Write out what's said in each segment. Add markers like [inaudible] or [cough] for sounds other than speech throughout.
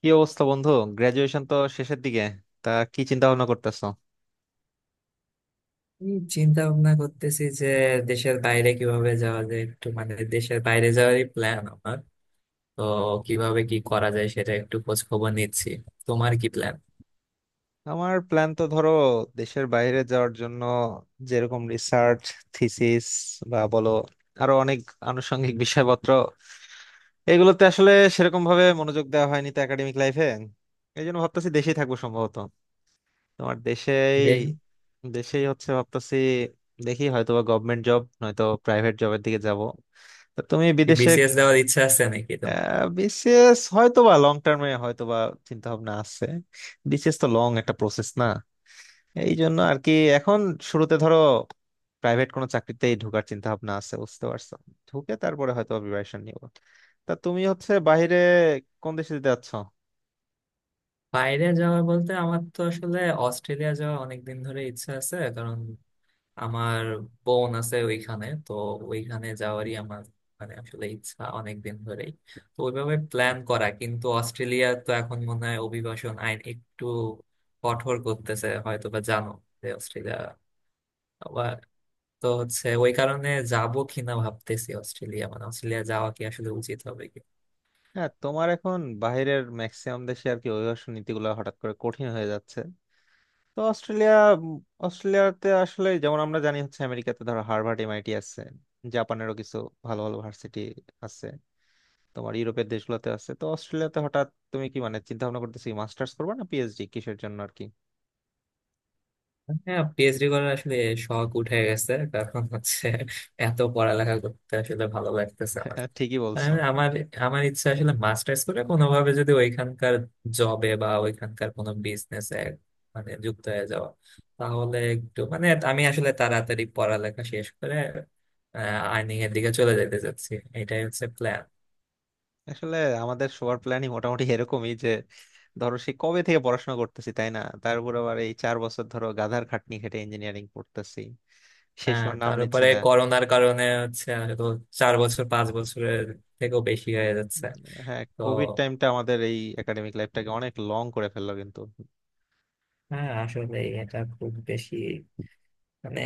কি অবস্থা বন্ধু? গ্রাজুয়েশন তো শেষের দিকে। তা কি চিন্তা ভাবনা করতেছো? আমি চিন্তা ভাবনা করতেছি যে দেশের বাইরে কিভাবে যাওয়া যায়, একটু মানে দেশের বাইরে যাওয়ারই প্ল্যান আমার। তো কিভাবে কি করা যায় সেটা একটু খোঁজ খবর নিচ্ছি। তোমার কি প্ল্যান? আমার প্ল্যান তো ধরো দেশের বাইরে যাওয়ার জন্য যেরকম রিসার্চ থিসিস বা বলো আরো অনেক আনুষঙ্গিক বিষয়পত্র এগুলোতে আসলে সেরকম ভাবে মনোযোগ দেওয়া হয়নি তো একাডেমিক লাইফে। এই জন্য ভাবতেছি দেশেই থাকবো সম্ভবত। তোমার দেশেই? দেখি দেশেই হচ্ছে ভাবতেছি। দেখি হয়তোবা গভর্নমেন্ট জব নয়তো প্রাইভেট জবের দিকে যাব। তা তুমি বিদেশে? বিসিএস দেওয়ার ইচ্ছা আছে নাকি তোমার? বিসিএস হয়তো বা লং টার্মে হয়তো বা চিন্তা ভাবনা আছে। বিসিএস তো লং একটা প্রসেস না? এই জন্য আর কি এখন শুরুতে ধরো প্রাইভেট কোনো চাকরিতেই ঢোকার চিন্তা ভাবনা আছে, বুঝতে পারছো? ঢুকে তারপরে হয়তো প্রিপারেশন নিব। তা তুমি হচ্ছে বাইরে কোন দেশে যেতে যাচ্ছ? বাইরে যাওয়া বলতে আমার তো আসলে অস্ট্রেলিয়া যাওয়া অনেকদিন ধরে ইচ্ছা আছে। আমার বোন আছে ওইখানে, তো ওইখানে যাওয়ারই আমার মানে আসলে ইচ্ছা অনেকদিন ধরেই। তো ওইভাবে প্ল্যান করা, কিন্তু অস্ট্রেলিয়া তো এখন মনে হয় অভিবাসন আইন একটু কঠোর করতেছে, হয়তো বা জানো যে অস্ট্রেলিয়া আবার। তো হচ্ছে ওই কারণে যাবো কিনা ভাবতেছি, অস্ট্রেলিয়া মানে অস্ট্রেলিয়া যাওয়া কি আসলে উচিত হবে। হ্যাঁ, তোমার এখন বাইরের ম্যাক্সিমাম দেশে আর কি অভিবাসন নীতিগুলো হঠাৎ করে কঠিন হয়ে যাচ্ছে। তো অস্ট্রেলিয়া। উম, অস্ট্রেলিয়াতে আসলে যেমন আমরা জানি হচ্ছে আমেরিকাতে ধরো হার্ভার্ড এমআইটি আছে, জাপানেরও কিছু ভালো ভালো ভার্সিটি আছে, তোমার ইউরোপের দেশগুলোতে আছে, তো অস্ট্রেলিয়াতে হঠাৎ তুমি কি মানে চিন্তা ভাবনা করতেছি মাস্টার্স করবা না পিএইচডি কিসের জন্য আর কি? হ্যাঁ পিএইচডি করার আসলে শখ উঠে গেছে, কারণ হচ্ছে এত পড়ালেখা করতে আসলে ভালো লাগতেছে আমার। হ্যাঁ, ঠিকই বলছো। আর আমার আমার ইচ্ছা আসলে মাস্টার্স করে কোনোভাবে যদি ওইখানকার জবে বা ওইখানকার কোনো বিজনেসে মানে যুক্ত হয়ে যাওয়া, তাহলে একটু মানে আমি আসলে তাড়াতাড়ি পড়ালেখা শেষ করে আর্নিং এর দিকে চলে যেতে চাচ্ছি। এটাই হচ্ছে প্ল্যান। আসলে আমাদের সবার প্ল্যানই মোটামুটি এরকমই যে ধরো সে কবে থেকে পড়াশোনা করতেছি, তাই না? তার উপর আবার এই চার বছর ধরো গাধার খাটনি খেটে ইঞ্জিনিয়ারিং পড়তেছি, শেষ হ্যাঁ হওয়ার নাম নিচ্ছে তারপরে না। করোনার কারণে হচ্ছে হয়তো 4 বছর 5 বছরের থেকেও বেশি হয়ে যাচ্ছে। উম, হ্যাঁ, তো কোভিড টাইমটা আমাদের এই একাডেমিক লাইফটাকে অনেক লং করে ফেললো কিন্তু। হ্যাঁ আসলে এটা খুব বেশি মানে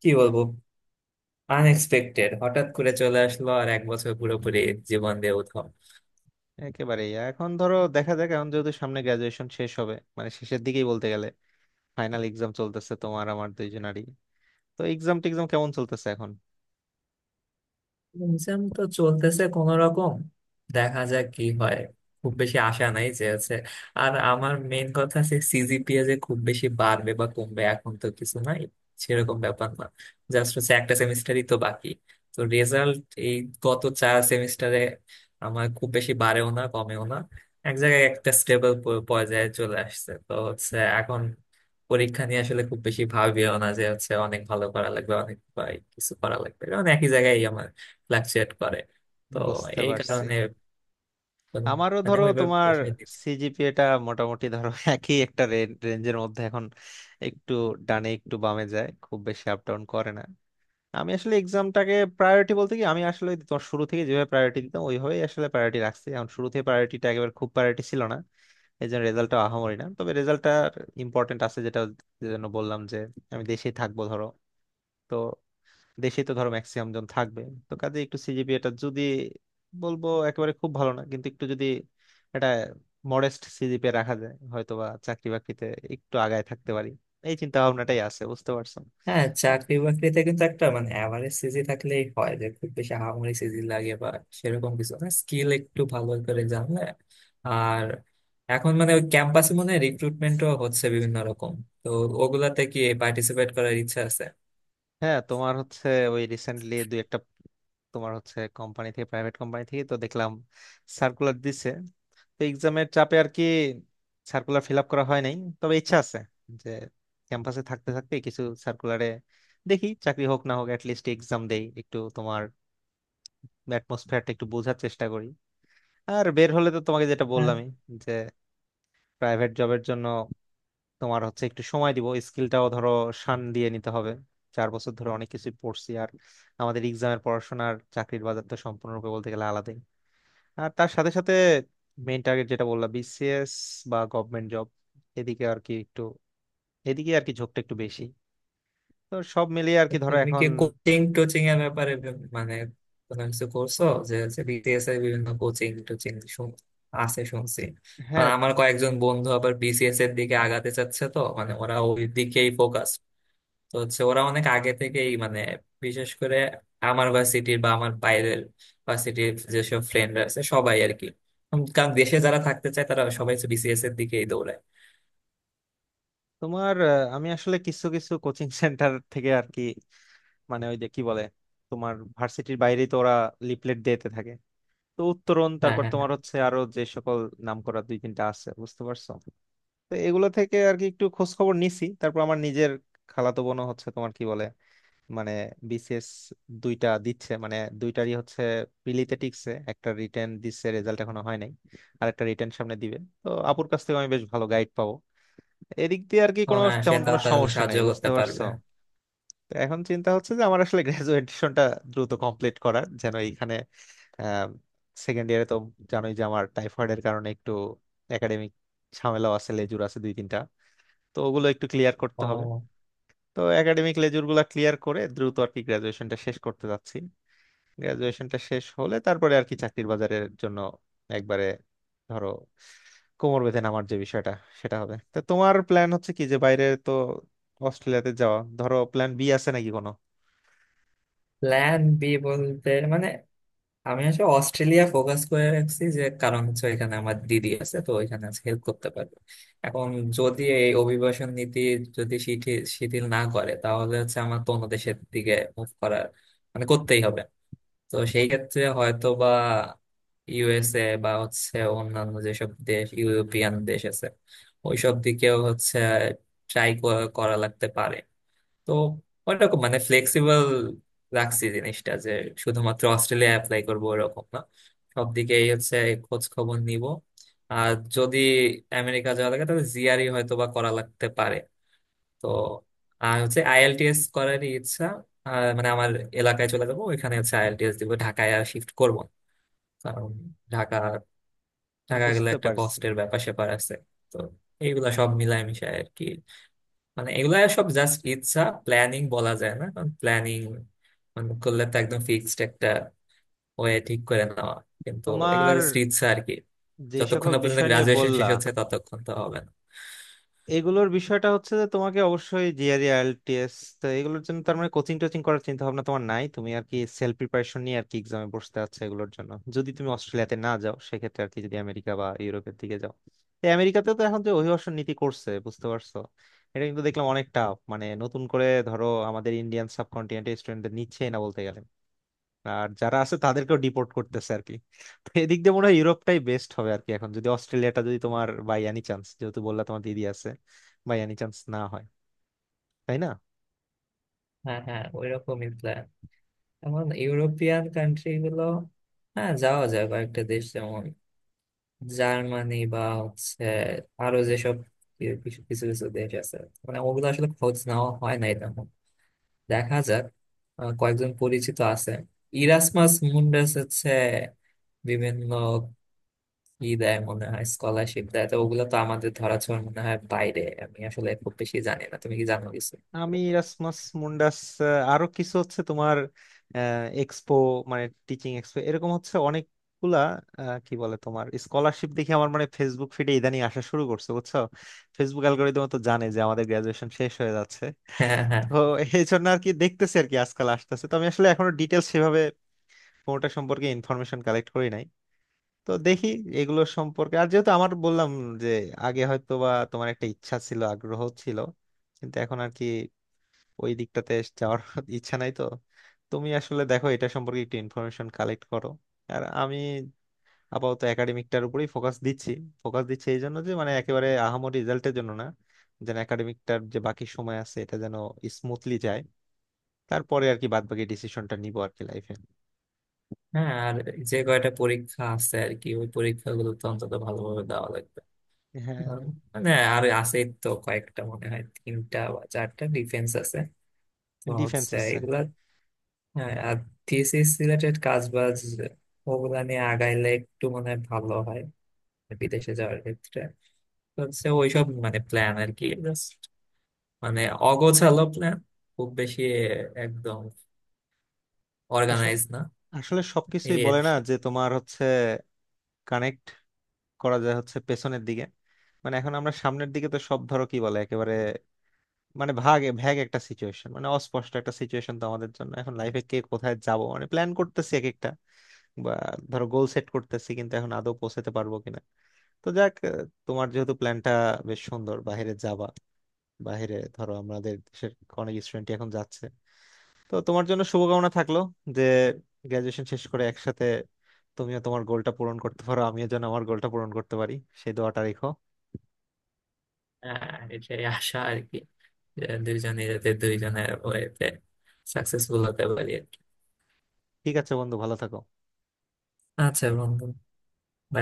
কি বলবো, আনএক্সপেক্টেড হঠাৎ করে চলে আসলো, আর এক বছর পুরোপুরি জীবন দিয়ে উধাও। একেবারেই এখন ধরো দেখা যাক, এখন যেহেতু সামনে গ্রাজুয়েশন শেষ হবে মানে শেষের দিকেই বলতে গেলে, ফাইনাল এক্সাম চলতেছে তোমার আমার দুইজনারই। তো এক্সাম টেক্সাম কেমন চলতেছে এখন? এক্সাম তো চলতেছে কোন রকম, দেখা যাক কি হয়। খুব বেশি আশা নাই যে আছে। আর আমার মেইন কথা আছে সিজিপিএ যে খুব বেশি বাড়বে বা কমবে এখন তো কিছু নাই, সেরকম ব্যাপার না। জাস্ট হচ্ছে একটা সেমিস্টারই তো বাকি। তো রেজাল্ট এই গত চার সেমিস্টারে আমার খুব বেশি বাড়েও না কমেও না, এক জায়গায় একটা স্টেবল পর্যায়ে চলে আসছে। তো হচ্ছে এখন পরীক্ষা নিয়ে আসলে খুব বেশি ভাবিও না যে হচ্ছে অনেক ভালো করা লাগবে অনেক বা কিছু করা লাগবে, কারণ একই জায়গায় ফ্লাকচুয়েট করে। তো বুঝতে এই পারছি। কারণে আমারও মানে ধরো ওইভাবে তোমার প্রেশার দিচ্ছি। সিজিপিএটা মোটামুটি ধরো [laughs] একই একটা রেঞ্জের মধ্যে এখন, একটু ডানে একটু বামে যায়, খুব বেশি আপ ডাউন করে না। আমি আসলে এক্সামটাকে প্রায়োরিটি বলতে কি আমি আসলে তোমার শুরু থেকে যেভাবে প্রায়োরিটি দিতাম ওইভাবেই আসলে প্রায়োরিটি রাখছি এখন, শুরু থেকে প্রায়োরিটিটা একেবারে খুব প্রায়োরিটি ছিল না। এই জন্য রেজাল্টটা আহামরি না, তবে রেজাল্টটা ইম্পর্টেন্ট আছে, যেটা যেজন্য বললাম যে আমি দেশেই থাকবো ধরো। তো দেশে তো ধরো ম্যাক্সিমাম জন থাকবে, তো কাজে একটু সিজিপিএটা যদি বলবো একেবারে খুব ভালো না কিন্তু একটু যদি এটা মডেস্ট সিজিপিএ রাখা যায় হয়তোবা চাকরি বাকরিতে একটু আগায় থাকতে পারি। এই চিন্তা ভাবনাটাই আছে, বুঝতে পারছো? হ্যাঁ চাকরি বাকরিতে কিন্তু একটা মানে অ্যাভারেজ সিজি থাকলেই হয়, যে খুব বেশি হামাগুড়ি সিজি লাগে বা সেরকম কিছু না, স্কিল একটু ভালো করে জানলে। আর এখন মানে ওই ক্যাম্পাসে মনে হয় রিক্রুটমেন্টও হচ্ছে বিভিন্ন রকম। তো ওগুলাতে কি পার্টিসিপেট করার ইচ্ছা আছে? হ্যাঁ, তোমার হচ্ছে ওই রিসেন্টলি দুই একটা তোমার হচ্ছে কোম্পানি থেকে প্রাইভেট কোম্পানি থেকে তো দেখলাম সার্কুলার দিছে। তো এক্সামের চাপে আর কি সার্কুলার ফিল আপ করা হয় নাই, তবে ইচ্ছা আছে যে ক্যাম্পাসে থাকতে থাকতে কিছু সার্কুলারে দেখি চাকরি হোক না হোক লিস্ট এক্সাম দেই একটু, তোমার অ্যাটমসফিয়ারটা একটু বোঝার চেষ্টা করি। আর বের হলে তো তোমাকে যেটা বললামই, যে প্রাইভেট জবের জন্য তোমার হচ্ছে একটু সময় দিব, স্কিলটাও ধরো শান দিয়ে নিতে হবে। চার বছর ধরে অনেক কিছু পড়ছি আর আমাদের এক্সামের পড়াশোনার চাকরির বাজার তো সম্পূর্ণরূপে বলতে গেলে আলাদা। আর তার সাথে সাথে মেইন টার্গেট যেটা বললাম বিসিএস বা গভর্নমেন্ট জব, এদিকে আর কি একটু এদিকে আর কি ঝোঁকটা একটু বেশি। তো সব মিলিয়ে আর তো কি ধরো তুমি কি এখন। কোচিং টোচিং এর ব্যাপারে মানে কোনো কিছু করছো? যে হচ্ছে বিসিএস এর বিভিন্ন কোচিং টোচিং আছে শুনছি। আর হ্যাঁ, আমার কয়েকজন বন্ধু আবার বিসিএস এর দিকে আগাতে চাচ্ছে, তো মানে ওরা ওই দিকেই ফোকাস। তো হচ্ছে ওরা অনেক আগে থেকেই মানে, বিশেষ করে আমার ভার্সিটির বা আমার বাইরের ভার্সিটির যেসব ফ্রেন্ডরা আছে সবাই আর কি। কারণ দেশে যারা থাকতে চায় তারা সবাই বিসিএস এর দিকেই দৌড়ায়। তোমার আমি আসলে কিছু কিছু কোচিং সেন্টার [laughs] থেকে আর কি মানে ওই যে কি বলে তোমার ভার্সিটির বাইরেই তো ওরা লিফলেট দিতে থাকে। তো উত্তরণ হ্যাঁ, তারপর হ্যাঁ, হ্যাঁ। তোমার হচ্ছে আরো যে সকল নাম করা দুই তিনটা আছে, বুঝতে পারছো? তো এগুলো থেকে আর কি একটু খোঁজ খবর নিছি, তারপর আমার নিজের খালাতো বোনও হচ্ছে তোমার কি বলে মানে বিসিএস দুইটা দিচ্ছে, মানে দুইটারই হচ্ছে প্রিলিতে টিকছে, একটা রিটেন দিচ্ছে, রেজাল্ট এখনো হয় নাই, আর একটা রিটেন সামনে দিবে। তো আপুর কাছ থেকে আমি বেশ ভালো গাইড পাবো, এদিক দিয়ে আর কি ও কোনো হ্যাঁ, সে তেমন তা কোনো তাহলে সমস্যা নাই, সাহায্য বুঝতে করতে পারছো? পারবে। তো এখন চিন্তা হচ্ছে যে আমার আসলে [laughs] গ্রাজুয়েশনটা দ্রুত কমপ্লিট করার, যেন এইখানে সেকেন্ড ইয়ারে তো জানোই যে আমার টাইফয়েডের কারণে একটু একাডেমিক ঝামেলাও আছে, লেজুর আছে দুই তিনটা। তো ওগুলো একটু ক্লিয়ার করতে হবে। ও, তো একাডেমিক লেজুর গুলা ক্লিয়ার করে দ্রুত আর কি গ্রাজুয়েশনটা শেষ করতে যাচ্ছি। গ্রাজুয়েশনটা শেষ হলে তারপরে আর কি চাকরির বাজারের জন্য একবারে ধরো কোমর বেঁধে নামার যে বিষয়টা সেটা হবে। তা তোমার প্ল্যান হচ্ছে কি, যে বাইরে তো অস্ট্রেলিয়াতে যাওয়া ধরো, প্ল্যান বি আছে নাকি কোনো? প্ল্যান বি বলতে মানে আমি আসলে অস্ট্রেলিয়া ফোকাস করে রাখছি, যে কারণ হচ্ছে এখানে আমার দিদি আছে, তো ওইখানে হেল্প করতে পারবে। এখন যদি এই অভিবাসন নীতি যদি শিথিল শিথিল না করে, তাহলে হচ্ছে আমার তো অন্য দেশের দিকে মুভ করার মানে করতেই হবে। তো সেই ক্ষেত্রে হয়তো বা ইউএসএ বা হচ্ছে অন্যান্য যেসব দেশ ইউরোপিয়ান দেশ আছে ওইসব দিকেও হচ্ছে ট্রাই করা লাগতে পারে। তো ওইরকম মানে ফ্লেক্সিবল রাখছি জিনিসটা, যে শুধুমাত্র অস্ট্রেলিয়া অ্যাপ্লাই করবো এরকম না, সব দিকেই হচ্ছে খোঁজ খবর নিব। আর যদি আমেরিকা যাওয়া লাগে তাহলে জিআরই হয়তো বা করা লাগতে পারে। তো আর হচ্ছে আইএলটিএস করারই ইচ্ছা। আর মানে আমার এলাকায় চলে যাবো, ওইখানে হচ্ছে আইএলটিএস দিব, ঢাকায় আর শিফট করবো না। কারণ ঢাকা ঢাকা গেলে বুঝতে একটা পারছি। কষ্টের ব্যাপার স্যাপার আছে। তো এইগুলা সব মিলায় মিশায় আর কি, মানে এগুলা সব জাস্ট ইচ্ছা, প্ল্যানিং বলা যায় না, কারণ প্ল্যানিং মানে করলে তো একদম ফিক্সড একটা ওয়ে ঠিক করে নেওয়া, কিন্তু এগুলো তোমার জাস্ট ইচ্ছা আর কি। যে যতক্ষণ সকল না পর্যন্ত বিষয় নিয়ে গ্রাজুয়েশন বললা, শেষ হচ্ছে ততক্ষণ তো হবে না। এগুলোর বিষয়টা হচ্ছে যে তোমাকে অবশ্যই জিআরই আইএলটিএস, তো এগুলোর জন্য তার মানে কোচিং টোচিং করার চিন্তা ভাবনা তোমার নাই, তুমি আর কি সেলফ প্রিপারেশন নিয়ে আর কি এক্সামে বসতে আছে এগুলোর জন্য। যদি তুমি অস্ট্রেলিয়াতে না যাও, সেক্ষেত্রে আর কি যদি আমেরিকা বা ইউরোপের দিকে যাও, তো আমেরিকাতে তো এখন যে অভিবাসন নীতি করছে, বুঝতে পারছো? এটা কিন্তু দেখলাম অনেক টাফ, মানে নতুন করে ধরো আমাদের ইন্ডিয়ান সাবকন্টিনেন্টের স্টুডেন্টদের নিচ্ছে না বলতে গেলে, আর যারা আছে তাদেরকেও ডিপোর্ট করতেছে আর কি। তো এদিক দিয়ে মনে হয় ইউরোপটাই বেস্ট হবে আর কি এখন, যদি অস্ট্রেলিয়াটা যদি তোমার বাই এনি চান্স, যেহেতু বললা তোমার দিদি আছে, বাই এনি চান্স না হয়, তাই না? হ্যাঁ, হ্যাঁ ওই রকমই প্ল্যান। এখন ইউরোপিয়ান কান্ট্রি গুলো, হ্যাঁ যাওয়া যায় কয়েকটা দেশ, যেমন জার্মানি বা হচ্ছে আরো যেসব কিছু কিছু কিছু দেশ আছে, মানে ওগুলো আসলে খোঁজ নেওয়া হয় না এটা। দেখা যাক। কয়েকজন পরিচিত আছে। ইরাসমাস মুন্ডাস হচ্ছে বিভিন্ন কি দেয় মনে হয় স্কলারশিপ দেয়, তো ওগুলো তো আমাদের ধরাছোঁয়ার মনে হয় বাইরে, আমি আসলে খুব বেশি জানি না, তুমি কি জানো কিছু? আমি রাসমাস মুন্ডাস, আরো কিছু হচ্ছে তোমার এক্সপো, মানে টিচিং এক্সপো এরকম হচ্ছে অনেকগুলা। কি বলে, তোমার স্কলারশিপ দেখে আমার মানে ফেসবুক ফিডে ইদানিং আসা শুরু করছে, বুঝছো? ফেসবুক অ্যালগোরিদম তো জানে যে আমাদের গ্রাজুয়েশন শেষ হয়ে যাচ্ছে। হ্যাঁ, হ্যাঁ, হ্যাঁ। তো এই জন্য আর কি দেখতেছি আর কি আজকাল আসতেছে, তো আমি আসলে এখনো ডিটেলস সেভাবে কোনোটা সম্পর্কে ইনফরমেশন কালেক্ট করি নাই। তো দেখি এগুলো সম্পর্কে। আর যেহেতু আমার বললাম, যে আগে হয়তো বা তোমার একটা ইচ্ছা ছিল, আগ্রহ ছিল, কিন্তু এখন আর কি ওই দিকটাতে যাওয়ার [laughs] ইচ্ছা নাই, তো তুমি আসলে দেখো এটা সম্পর্কে একটু ইনফরমেশন কালেক্ট করো। আর আমি আপাতত একাডেমিকটার উপরেই ফোকাস দিচ্ছি। ফোকাস দিচ্ছি এই জন্য যে, মানে একেবারে আহামরি রেজাল্টের জন্য না, যেন একাডেমিকটার যে বাকি সময় আছে এটা যেন স্মুথলি যায়, তারপরে আর কি বাদ বাকি ডিসিশনটা নিবো আর কি লাইফে। হ্যাঁ, আর যে কয়টা পরীক্ষা আছে আর কি, ওই পরীক্ষাগুলো তো অন্তত ভালোভাবে দেওয়া লাগবে। হ্যাঁ। আর মানে আর আছে তো কয়েকটা, মনে হয় তিনটা বা চারটা ডিফেন্স আছে, তো ডিফেন্স হচ্ছে আছে? এগুলা। হ্যাঁ আর থিসিস রিলেটেড কাজ বাজ ওগুলা নিয়ে আগাইলে একটু মনে হয় ভালো হয়, বিদেশে যাওয়ার ক্ষেত্রে। তো হচ্ছে ওইসব মানে প্ল্যান আর কি, জাস্ট মানে অগোছালো প্ল্যান, খুব বেশি একদম অর্গানাইজ না। আসলে সবকিছুই এই আর বলে না, কি। যে তোমার হচ্ছে কানেক্ট করা যায় হচ্ছে পেছনের দিকে, মানে এখন আমরা সামনের দিকে তো সব ধরো কি বলে, একেবারে মানে ভাগ ভ্যাগ একটা সিচুয়েশন, মানে অস্পষ্ট একটা সিচুয়েশন তো আমাদের জন্য এখন লাইফে, কে কোথায় যাব মানে প্ল্যান করতেছি এক একটা বা ধরো গোল সেট করতেছি, কিন্তু এখন আদৌ পৌঁছাতে পারবো কিনা। তো যাক, তোমার যেহেতু প্ল্যানটা বেশ সুন্দর, বাইরে যাবা, বাইরে ধরো আমাদের দেশের অনেক স্টুডেন্ট এখন যাচ্ছে, তো তোমার জন্য শুভকামনা থাকলো যে গ্রাজুয়েশন শেষ করে একসাথে তুমিও তোমার গোলটা পূরণ করতে পারো, আমিও যেন আমার গোলটা পূরণ করতে পারি, সেই দোয়াটা রেখো। এটাই আশা আর কি, যে দুইজনে যাতে দুইজনের ওয়েতে সাকসেসফুল হতে পারি আর কি। ঠিক আছে বন্ধু, ভালো থাকো। আচ্ছা বন্ধু, bye.